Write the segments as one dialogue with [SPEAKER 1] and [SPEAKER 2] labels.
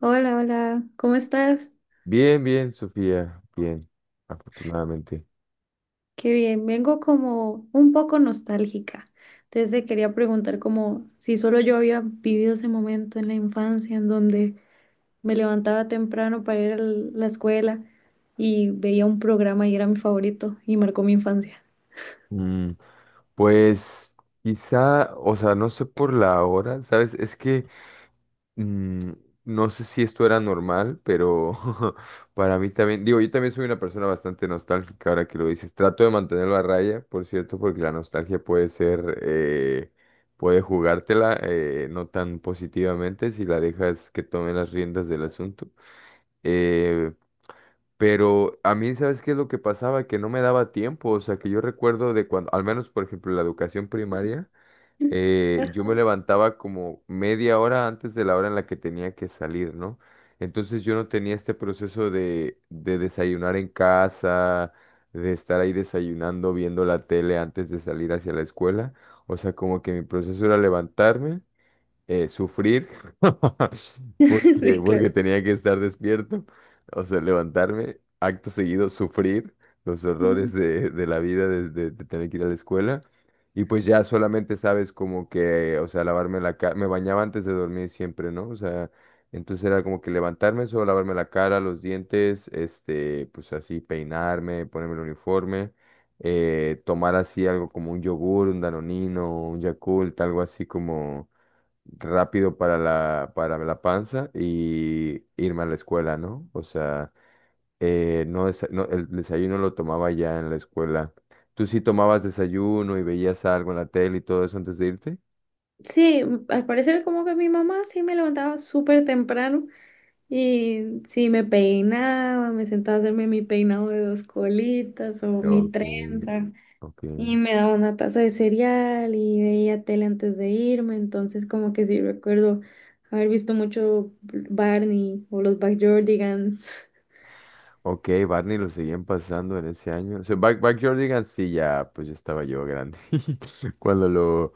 [SPEAKER 1] Hola, hola, ¿cómo estás?
[SPEAKER 2] Bien, bien, Sofía, bien, afortunadamente.
[SPEAKER 1] Qué bien, vengo como un poco nostálgica. Entonces te quería preguntar como si solo yo había vivido ese momento en la infancia en donde me levantaba temprano para ir a la escuela y veía un programa y era mi favorito y marcó mi infancia.
[SPEAKER 2] Mm, pues quizá, o sea, no sé por la hora, ¿sabes? Es que mm, no sé si esto era normal, pero para mí también, digo, yo también soy una persona bastante nostálgica ahora que lo dices. Trato de mantenerlo a raya, por cierto, porque la nostalgia puede ser, puede jugártela no tan positivamente si la dejas que tome las riendas del asunto. Eh, Pero a mí, ¿sabes qué es lo que pasaba? Que no me daba tiempo, o sea, que yo recuerdo de cuando, al menos por ejemplo, en la educación primaria, yo me levantaba como media hora antes de la hora en la que tenía que salir, ¿no? Entonces yo no tenía este proceso de desayunar en casa, de estar ahí desayunando, viendo la tele antes de salir hacia la escuela, o sea, como que mi proceso era levantarme sufrir porque,
[SPEAKER 1] Sí,
[SPEAKER 2] porque
[SPEAKER 1] claro.
[SPEAKER 2] tenía que estar despierto, o sea, levantarme, acto seguido, sufrir los horrores
[SPEAKER 1] Mm.
[SPEAKER 2] de la vida, de tener que ir a la escuela. Y pues ya solamente sabes como que, o sea, lavarme la cara, me bañaba antes de dormir siempre, ¿no? O sea, entonces era como que levantarme, solo lavarme la cara, los dientes, este, pues así, peinarme, ponerme el uniforme tomar así algo como un yogur, un danonino, un Yakult, algo así como, rápido para la panza y irme a la escuela, ¿no? O sea, no, no, el desayuno lo tomaba ya en la escuela. ¿Tú sí tomabas desayuno y veías algo en la tele y todo eso antes de irte?
[SPEAKER 1] Sí, al parecer como que mi mamá sí me levantaba súper temprano. Y sí, me peinaba, me sentaba a hacerme mi peinado de dos colitas o mi
[SPEAKER 2] Ok,
[SPEAKER 1] trenza.
[SPEAKER 2] ok.
[SPEAKER 1] Y me daba una taza de cereal y veía tele antes de irme. Entonces, como que sí recuerdo haber visto mucho Barney o los Backyardigans.
[SPEAKER 2] Ok, Barney lo seguían pasando en ese año. O sea, Backyardigans sí, ya, pues ya estaba yo grande. Cuando lo,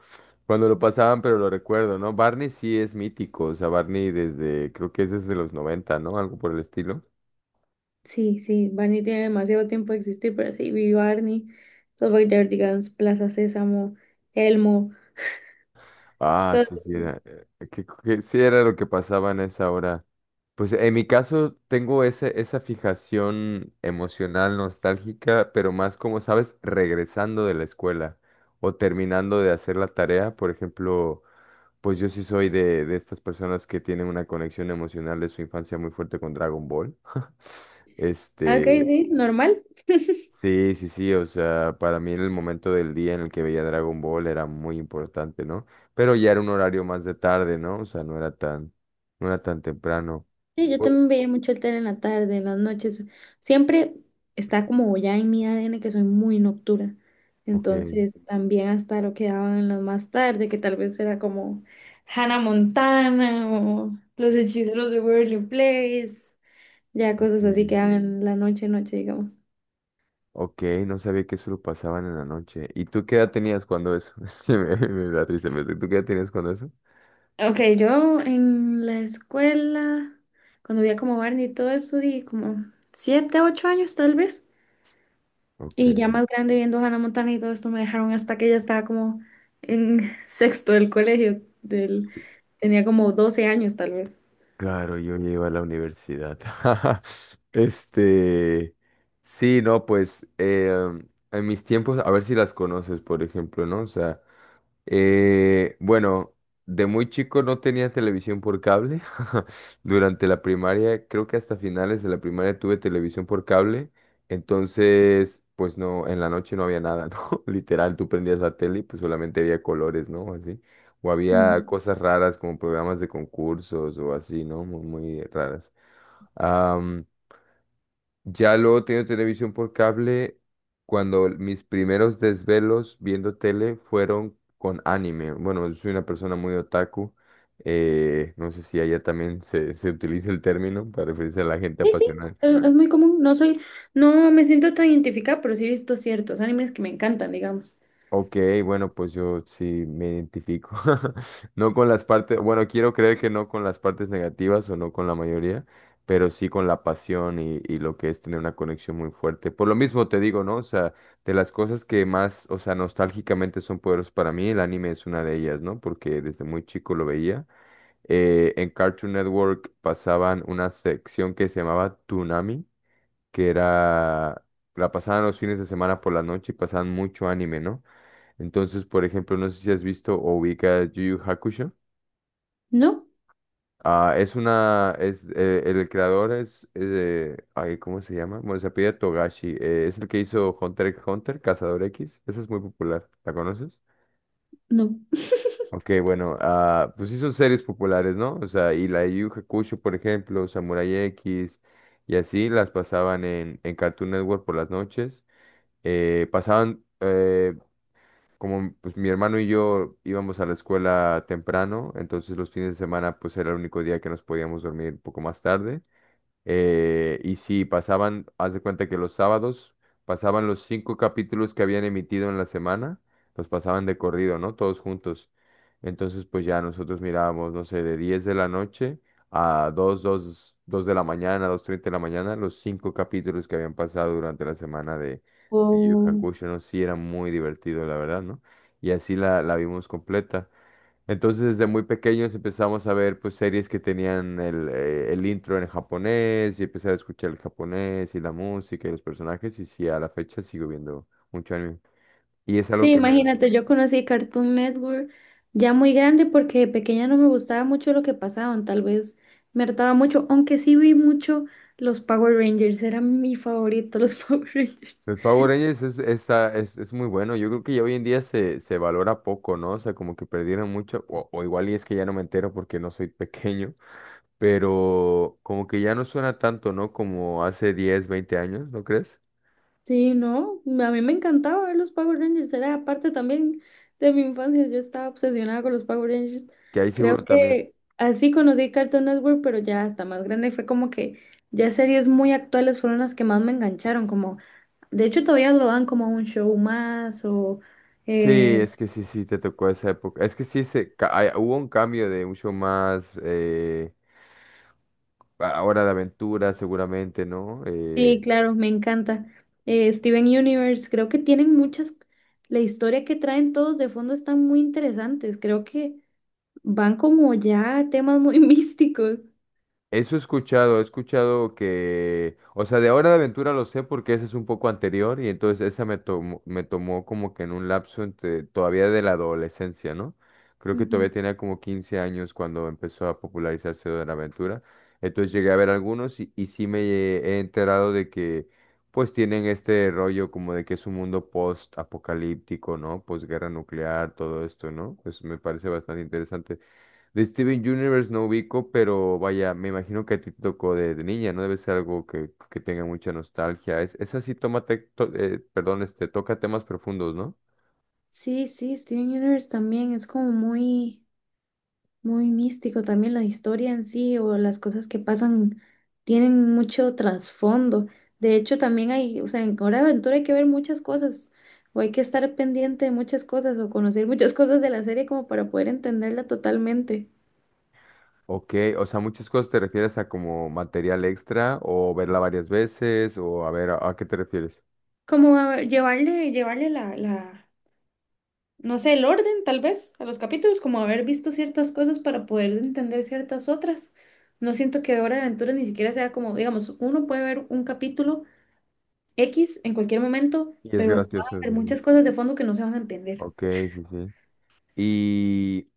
[SPEAKER 2] cuando lo pasaban, pero lo recuerdo, ¿no? Barney sí es mítico. O sea, Barney desde, creo que es desde los 90, ¿no? Algo por el estilo.
[SPEAKER 1] Sí, sí, Barney tiene demasiado tiempo de existir, pero sí, vi Barney, los Backyardigans, Plaza Sésamo, Elmo.
[SPEAKER 2] Ah, sí, sí,
[SPEAKER 1] Entonces,
[SPEAKER 2] era, que sí era lo que pasaba en esa hora. Pues en mi caso tengo esa fijación emocional nostálgica, pero más como, ¿sabes? Regresando de la escuela o terminando de hacer la tarea. Por ejemplo, pues yo sí soy de estas personas que tienen una conexión emocional de su infancia muy fuerte con Dragon Ball.
[SPEAKER 1] ok,
[SPEAKER 2] Este,
[SPEAKER 1] sí, normal.
[SPEAKER 2] sí, sí, sí, o sea, para mí en el momento del día en el que veía Dragon Ball era muy importante, ¿no? Pero ya era un horario más de tarde, ¿no? O sea, no era tan temprano.
[SPEAKER 1] Sí, yo
[SPEAKER 2] O-
[SPEAKER 1] también veía mucho el tele en la tarde, en las noches. Siempre está como ya en mi ADN que soy muy nocturna.
[SPEAKER 2] Ok,
[SPEAKER 1] Entonces también hasta lo que daban en las más tarde, que tal vez era como Hannah Montana o Los Hechiceros de Waverly Place. Ya cosas así
[SPEAKER 2] ok,
[SPEAKER 1] que daban en la noche, noche, digamos.
[SPEAKER 2] ok, no sabía que eso lo pasaban en la noche. ¿Y tú qué edad tenías cuando eso? Es que me da risa, pero ¿tú qué edad tenías cuando eso?
[SPEAKER 1] Ok, yo en la escuela, cuando veía como Barney y todo eso, di como 7, 8 años tal vez. Y ya
[SPEAKER 2] Ok.
[SPEAKER 1] más grande viendo Hannah Montana y todo esto me dejaron hasta que ya estaba como en sexto del colegio,
[SPEAKER 2] Sí.
[SPEAKER 1] tenía como 12 años tal vez.
[SPEAKER 2] Claro, yo llego a la universidad. Este, sí, no, pues en mis tiempos, a ver si las conoces, por ejemplo, ¿no? O sea, bueno, de muy chico no tenía televisión por cable. Durante la primaria, creo que hasta finales de la primaria tuve televisión por cable. Entonces, pues no, en la noche no había nada, ¿no? Literal, tú prendías la tele y pues solamente había colores, ¿no? Así. O había
[SPEAKER 1] Ujú.
[SPEAKER 2] cosas raras como programas de concursos o así, ¿no? Muy, muy raras. Am, ya luego tenido televisión por cable, cuando mis primeros desvelos viendo tele fueron con anime. Bueno, yo soy una persona muy otaku. No sé si allá también se utiliza el término para referirse a la gente
[SPEAKER 1] Sí, sí,
[SPEAKER 2] apasionada.
[SPEAKER 1] es muy común. No soy, no me siento tan identificada, pero sí he visto ciertos animes que me encantan, digamos.
[SPEAKER 2] Ok, bueno, pues yo sí me identifico. No con las partes, bueno, quiero creer que no con las partes negativas o no con la mayoría, pero sí con la pasión y lo que es tener una conexión muy fuerte. Por lo mismo te digo, ¿no? O sea, de las cosas que más, o sea, nostálgicamente son poderosas para mí, el anime es una de ellas, ¿no? Porque desde muy chico lo veía. En Cartoon Network pasaban una sección que se llamaba Toonami, que era, la pasaban los fines de semana por la noche y pasaban mucho anime, ¿no? Entonces, por ejemplo, no sé si has visto o ubicas Yu Yu Hakusho.
[SPEAKER 1] No,
[SPEAKER 2] Ah, es una, es, el creador es, ay, ¿cómo se llama? Bueno, se apellida Togashi. Es el que hizo Hunter x Hunter, Cazador X. Esa es muy popular. ¿La conoces?
[SPEAKER 1] no.
[SPEAKER 2] Ok, bueno, ah, pues sí son series populares, ¿no? O sea, y la de Yu Yu Hakusho, por ejemplo, Samurai X, y así las pasaban en Cartoon Network por las noches. Pasaban, como pues mi hermano y yo íbamos a la escuela temprano, entonces los fines de semana pues era el único día que nos podíamos dormir un poco más tarde. Y sí, pasaban, haz de cuenta que los sábados pasaban los cinco capítulos que habían emitido en la semana, los pasaban de corrido, ¿no? Todos juntos. Entonces, pues ya nosotros mirábamos, no sé, de 10 de la noche a 2 de la mañana, 2:30 de la mañana, los cinco capítulos que habían pasado durante la semana de Yu Yu
[SPEAKER 1] O
[SPEAKER 2] Hakusho, ¿no? Sí, era muy divertido, la verdad, ¿no? Y así la vimos completa. Entonces, desde muy pequeños empezamos a ver pues series que tenían el intro en japonés y empezar a escuchar el japonés y la música y los personajes y sí, a la fecha sigo viendo mucho anime. Y es algo
[SPEAKER 1] Sí,
[SPEAKER 2] que me da.
[SPEAKER 1] imagínate, yo conocí Cartoon Network ya muy grande porque de pequeña no me gustaba mucho lo que pasaban, tal vez me hartaba mucho, aunque sí vi mucho los Power Rangers, eran mi favorito los Power Rangers.
[SPEAKER 2] Los Power Rangers es muy bueno. Yo creo que ya hoy en día se valora poco, ¿no? O sea, como que perdieron mucho. O igual y es que ya no me entero porque no soy pequeño. Pero como que ya no suena tanto, ¿no? Como hace 10, 20 años, ¿no crees?
[SPEAKER 1] Sí, no, a mí me encantaba ver los Power Rangers, era parte también de mi infancia, yo estaba obsesionada con los Power Rangers.
[SPEAKER 2] Que ahí
[SPEAKER 1] Creo
[SPEAKER 2] seguro también
[SPEAKER 1] que así conocí Cartoon Network, pero ya hasta más grande fue como que ya series muy actuales fueron las que más me engancharon, como de hecho, todavía lo dan como un show más o...
[SPEAKER 2] sí,
[SPEAKER 1] eh,
[SPEAKER 2] es que sí, sí, te tocó esa época. Es que sí, hubo un cambio de mucho más, ahora de aventura seguramente, ¿no?
[SPEAKER 1] sí, claro, me encanta. Steven Universe, creo que tienen muchas... La historia que traen todos de fondo están muy interesantes. Creo que van como ya a temas muy místicos.
[SPEAKER 2] Eso he escuchado que, o sea, de Hora de Aventura lo sé porque esa es un poco anterior y entonces esa me tomó como que en un lapso entre, todavía de la adolescencia, ¿no? Creo que todavía
[SPEAKER 1] Ujú.
[SPEAKER 2] tenía como 15 años cuando empezó a popularizarse Hora de Aventura. Entonces llegué a ver algunos y sí me he enterado de que pues tienen este rollo como de que es un mundo post-apocalíptico, ¿no? Posguerra nuclear, todo esto, ¿no? Pues me parece bastante interesante. De Steven Universe no ubico, pero vaya, me imagino que a ti te tocó de niña, ¿no? Debe ser algo que tenga mucha nostalgia. Es así, perdón, este, toca temas profundos, ¿no?
[SPEAKER 1] Sí, sí, Steven Universe también es como muy... Muy místico también la historia en sí o las cosas que pasan tienen mucho trasfondo. De hecho, también hay, o sea, en Hora de Aventura hay que ver muchas cosas o hay que estar pendiente de muchas cosas o conocer muchas cosas de la serie como para poder entenderla totalmente.
[SPEAKER 2] Ok, o sea, muchas cosas te refieres a como material extra o verla varias veces o a ver, a qué te refieres?
[SPEAKER 1] Como a ver, llevarle no sé, el orden tal vez a los capítulos, como haber visto ciertas cosas para poder entender ciertas otras. No siento que Hora de Aventura ni siquiera sea como, digamos, uno puede ver un capítulo X en cualquier momento,
[SPEAKER 2] Y es
[SPEAKER 1] pero va a
[SPEAKER 2] gracioso,
[SPEAKER 1] haber
[SPEAKER 2] sí, sí.
[SPEAKER 1] muchas cosas de fondo que no se van a entender.
[SPEAKER 2] Ok, sí, sí. Y,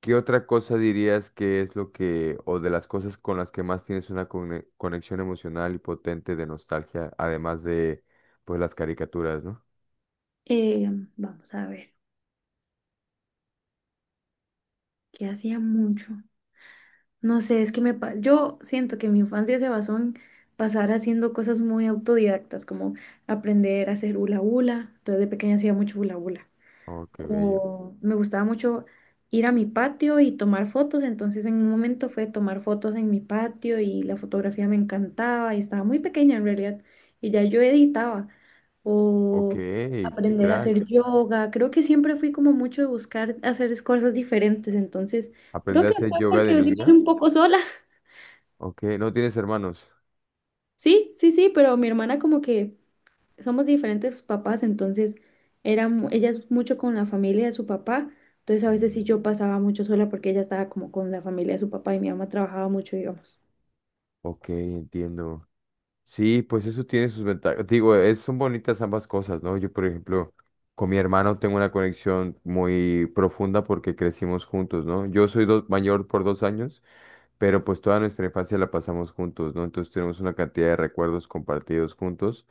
[SPEAKER 2] ¿qué otra cosa dirías que es lo que, o de las cosas con las que más tienes una conexión emocional y potente de nostalgia, además de, pues, las caricaturas, ¿no?
[SPEAKER 1] Eh, Vamos a ver, ¿qué hacía mucho? No sé, es que yo siento que mi infancia se basó en pasar haciendo cosas muy autodidactas, como aprender a hacer hula hula. Entonces de pequeña hacía mucho hula hula.
[SPEAKER 2] Oh, qué bello.
[SPEAKER 1] O me gustaba mucho ir a mi patio y tomar fotos, entonces en un momento fue tomar fotos en mi patio y la fotografía me encantaba y estaba muy pequeña en realidad y ya yo editaba,
[SPEAKER 2] Ok,
[SPEAKER 1] o
[SPEAKER 2] qué
[SPEAKER 1] aprender a
[SPEAKER 2] crack.
[SPEAKER 1] hacer yoga, creo que siempre fui como mucho de buscar hacer cosas diferentes, entonces creo
[SPEAKER 2] ¿Aprender a
[SPEAKER 1] que
[SPEAKER 2] hacer
[SPEAKER 1] fue
[SPEAKER 2] yoga de
[SPEAKER 1] porque yo sí pasé
[SPEAKER 2] niña?
[SPEAKER 1] un poco sola.
[SPEAKER 2] Ok, ¿no tienes hermanos?
[SPEAKER 1] Sí, sí, sí, pero mi hermana como que somos diferentes papás, entonces ella es mucho con la familia de su papá, entonces a veces
[SPEAKER 2] Mm,
[SPEAKER 1] sí yo pasaba mucho sola porque ella estaba como con la familia de su papá y mi mamá trabajaba mucho, digamos.
[SPEAKER 2] ok, entiendo. Sí, pues eso tiene sus ventajas. Digo, son bonitas ambas cosas, ¿no? Yo, por ejemplo, con mi hermano tengo una conexión muy profunda porque crecimos juntos, ¿no? Yo soy mayor por 2 años. Pero pues toda nuestra infancia la pasamos juntos, ¿no? Entonces tenemos una cantidad de recuerdos compartidos juntos,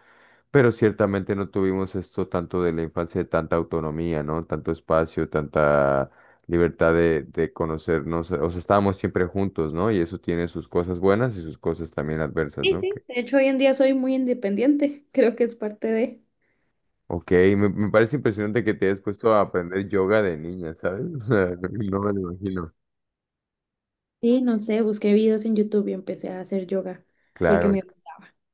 [SPEAKER 2] pero ciertamente no tuvimos esto tanto de la infancia, de tanta autonomía, ¿no? Tanto espacio, tanta libertad de conocernos, o sea, estábamos siempre juntos, ¿no? Y eso tiene sus cosas buenas y sus cosas también adversas,
[SPEAKER 1] Sí,
[SPEAKER 2] ¿no?
[SPEAKER 1] sí, de hecho hoy en día soy muy independiente, creo que es parte de...
[SPEAKER 2] Ok, me parece impresionante que te hayas puesto a aprender yoga de niña, ¿sabes? O sea, no me lo imagino.
[SPEAKER 1] Sí, no sé, busqué videos en YouTube y empecé a hacer yoga porque
[SPEAKER 2] Claro,
[SPEAKER 1] me...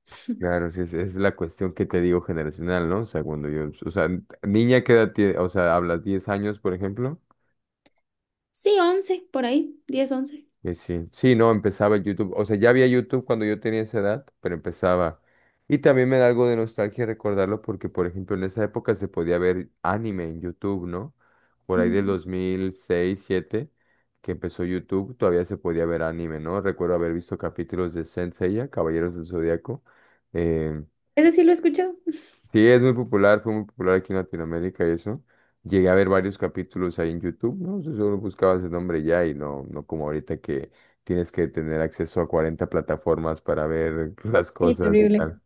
[SPEAKER 2] claro, sí, es la cuestión que te digo generacional, ¿no? O sea, cuando yo, o sea, niña que edad o sea, hablas 10 años, por ejemplo,
[SPEAKER 1] Sí, 11 por ahí, 10, 11.
[SPEAKER 2] que sí, sí, no, empezaba el YouTube, o sea, ya había YouTube cuando yo tenía esa edad, pero empezaba. Y también me da algo de nostalgia recordarlo porque, por ejemplo, en esa época se podía ver anime en YouTube, ¿no? Por ahí del
[SPEAKER 1] Mm.
[SPEAKER 2] 2006, 2007 que empezó YouTube, todavía se podía ver anime, ¿no? Recuerdo haber visto capítulos de Saint Seiya, Caballeros del Zodíaco.
[SPEAKER 1] Ese sí lo he escuchado.
[SPEAKER 2] Sí, es muy popular, fue muy popular aquí en Latinoamérica y eso. Llegué a ver varios capítulos ahí en YouTube, ¿no? Tú solo buscabas el nombre y ya y no, no como ahorita que tienes que tener acceso a 40 plataformas para ver las
[SPEAKER 1] Sí,
[SPEAKER 2] cosas y
[SPEAKER 1] terrible.
[SPEAKER 2] tal.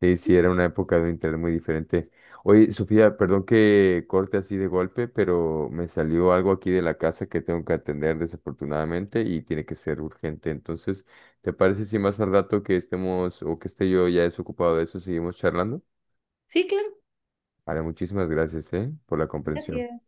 [SPEAKER 2] Sí, sí, era una época de un internet muy diferente. Oye, Sofía, perdón que corte así de golpe, pero me salió algo aquí de la casa que tengo que atender desafortunadamente y tiene que ser urgente. Entonces, ¿te parece si más al rato que estemos o que esté yo ya desocupado de eso, seguimos charlando?
[SPEAKER 1] Sí, claro.
[SPEAKER 2] Vale, muchísimas gracias, ¿eh? Por la comprensión.
[SPEAKER 1] Gracias.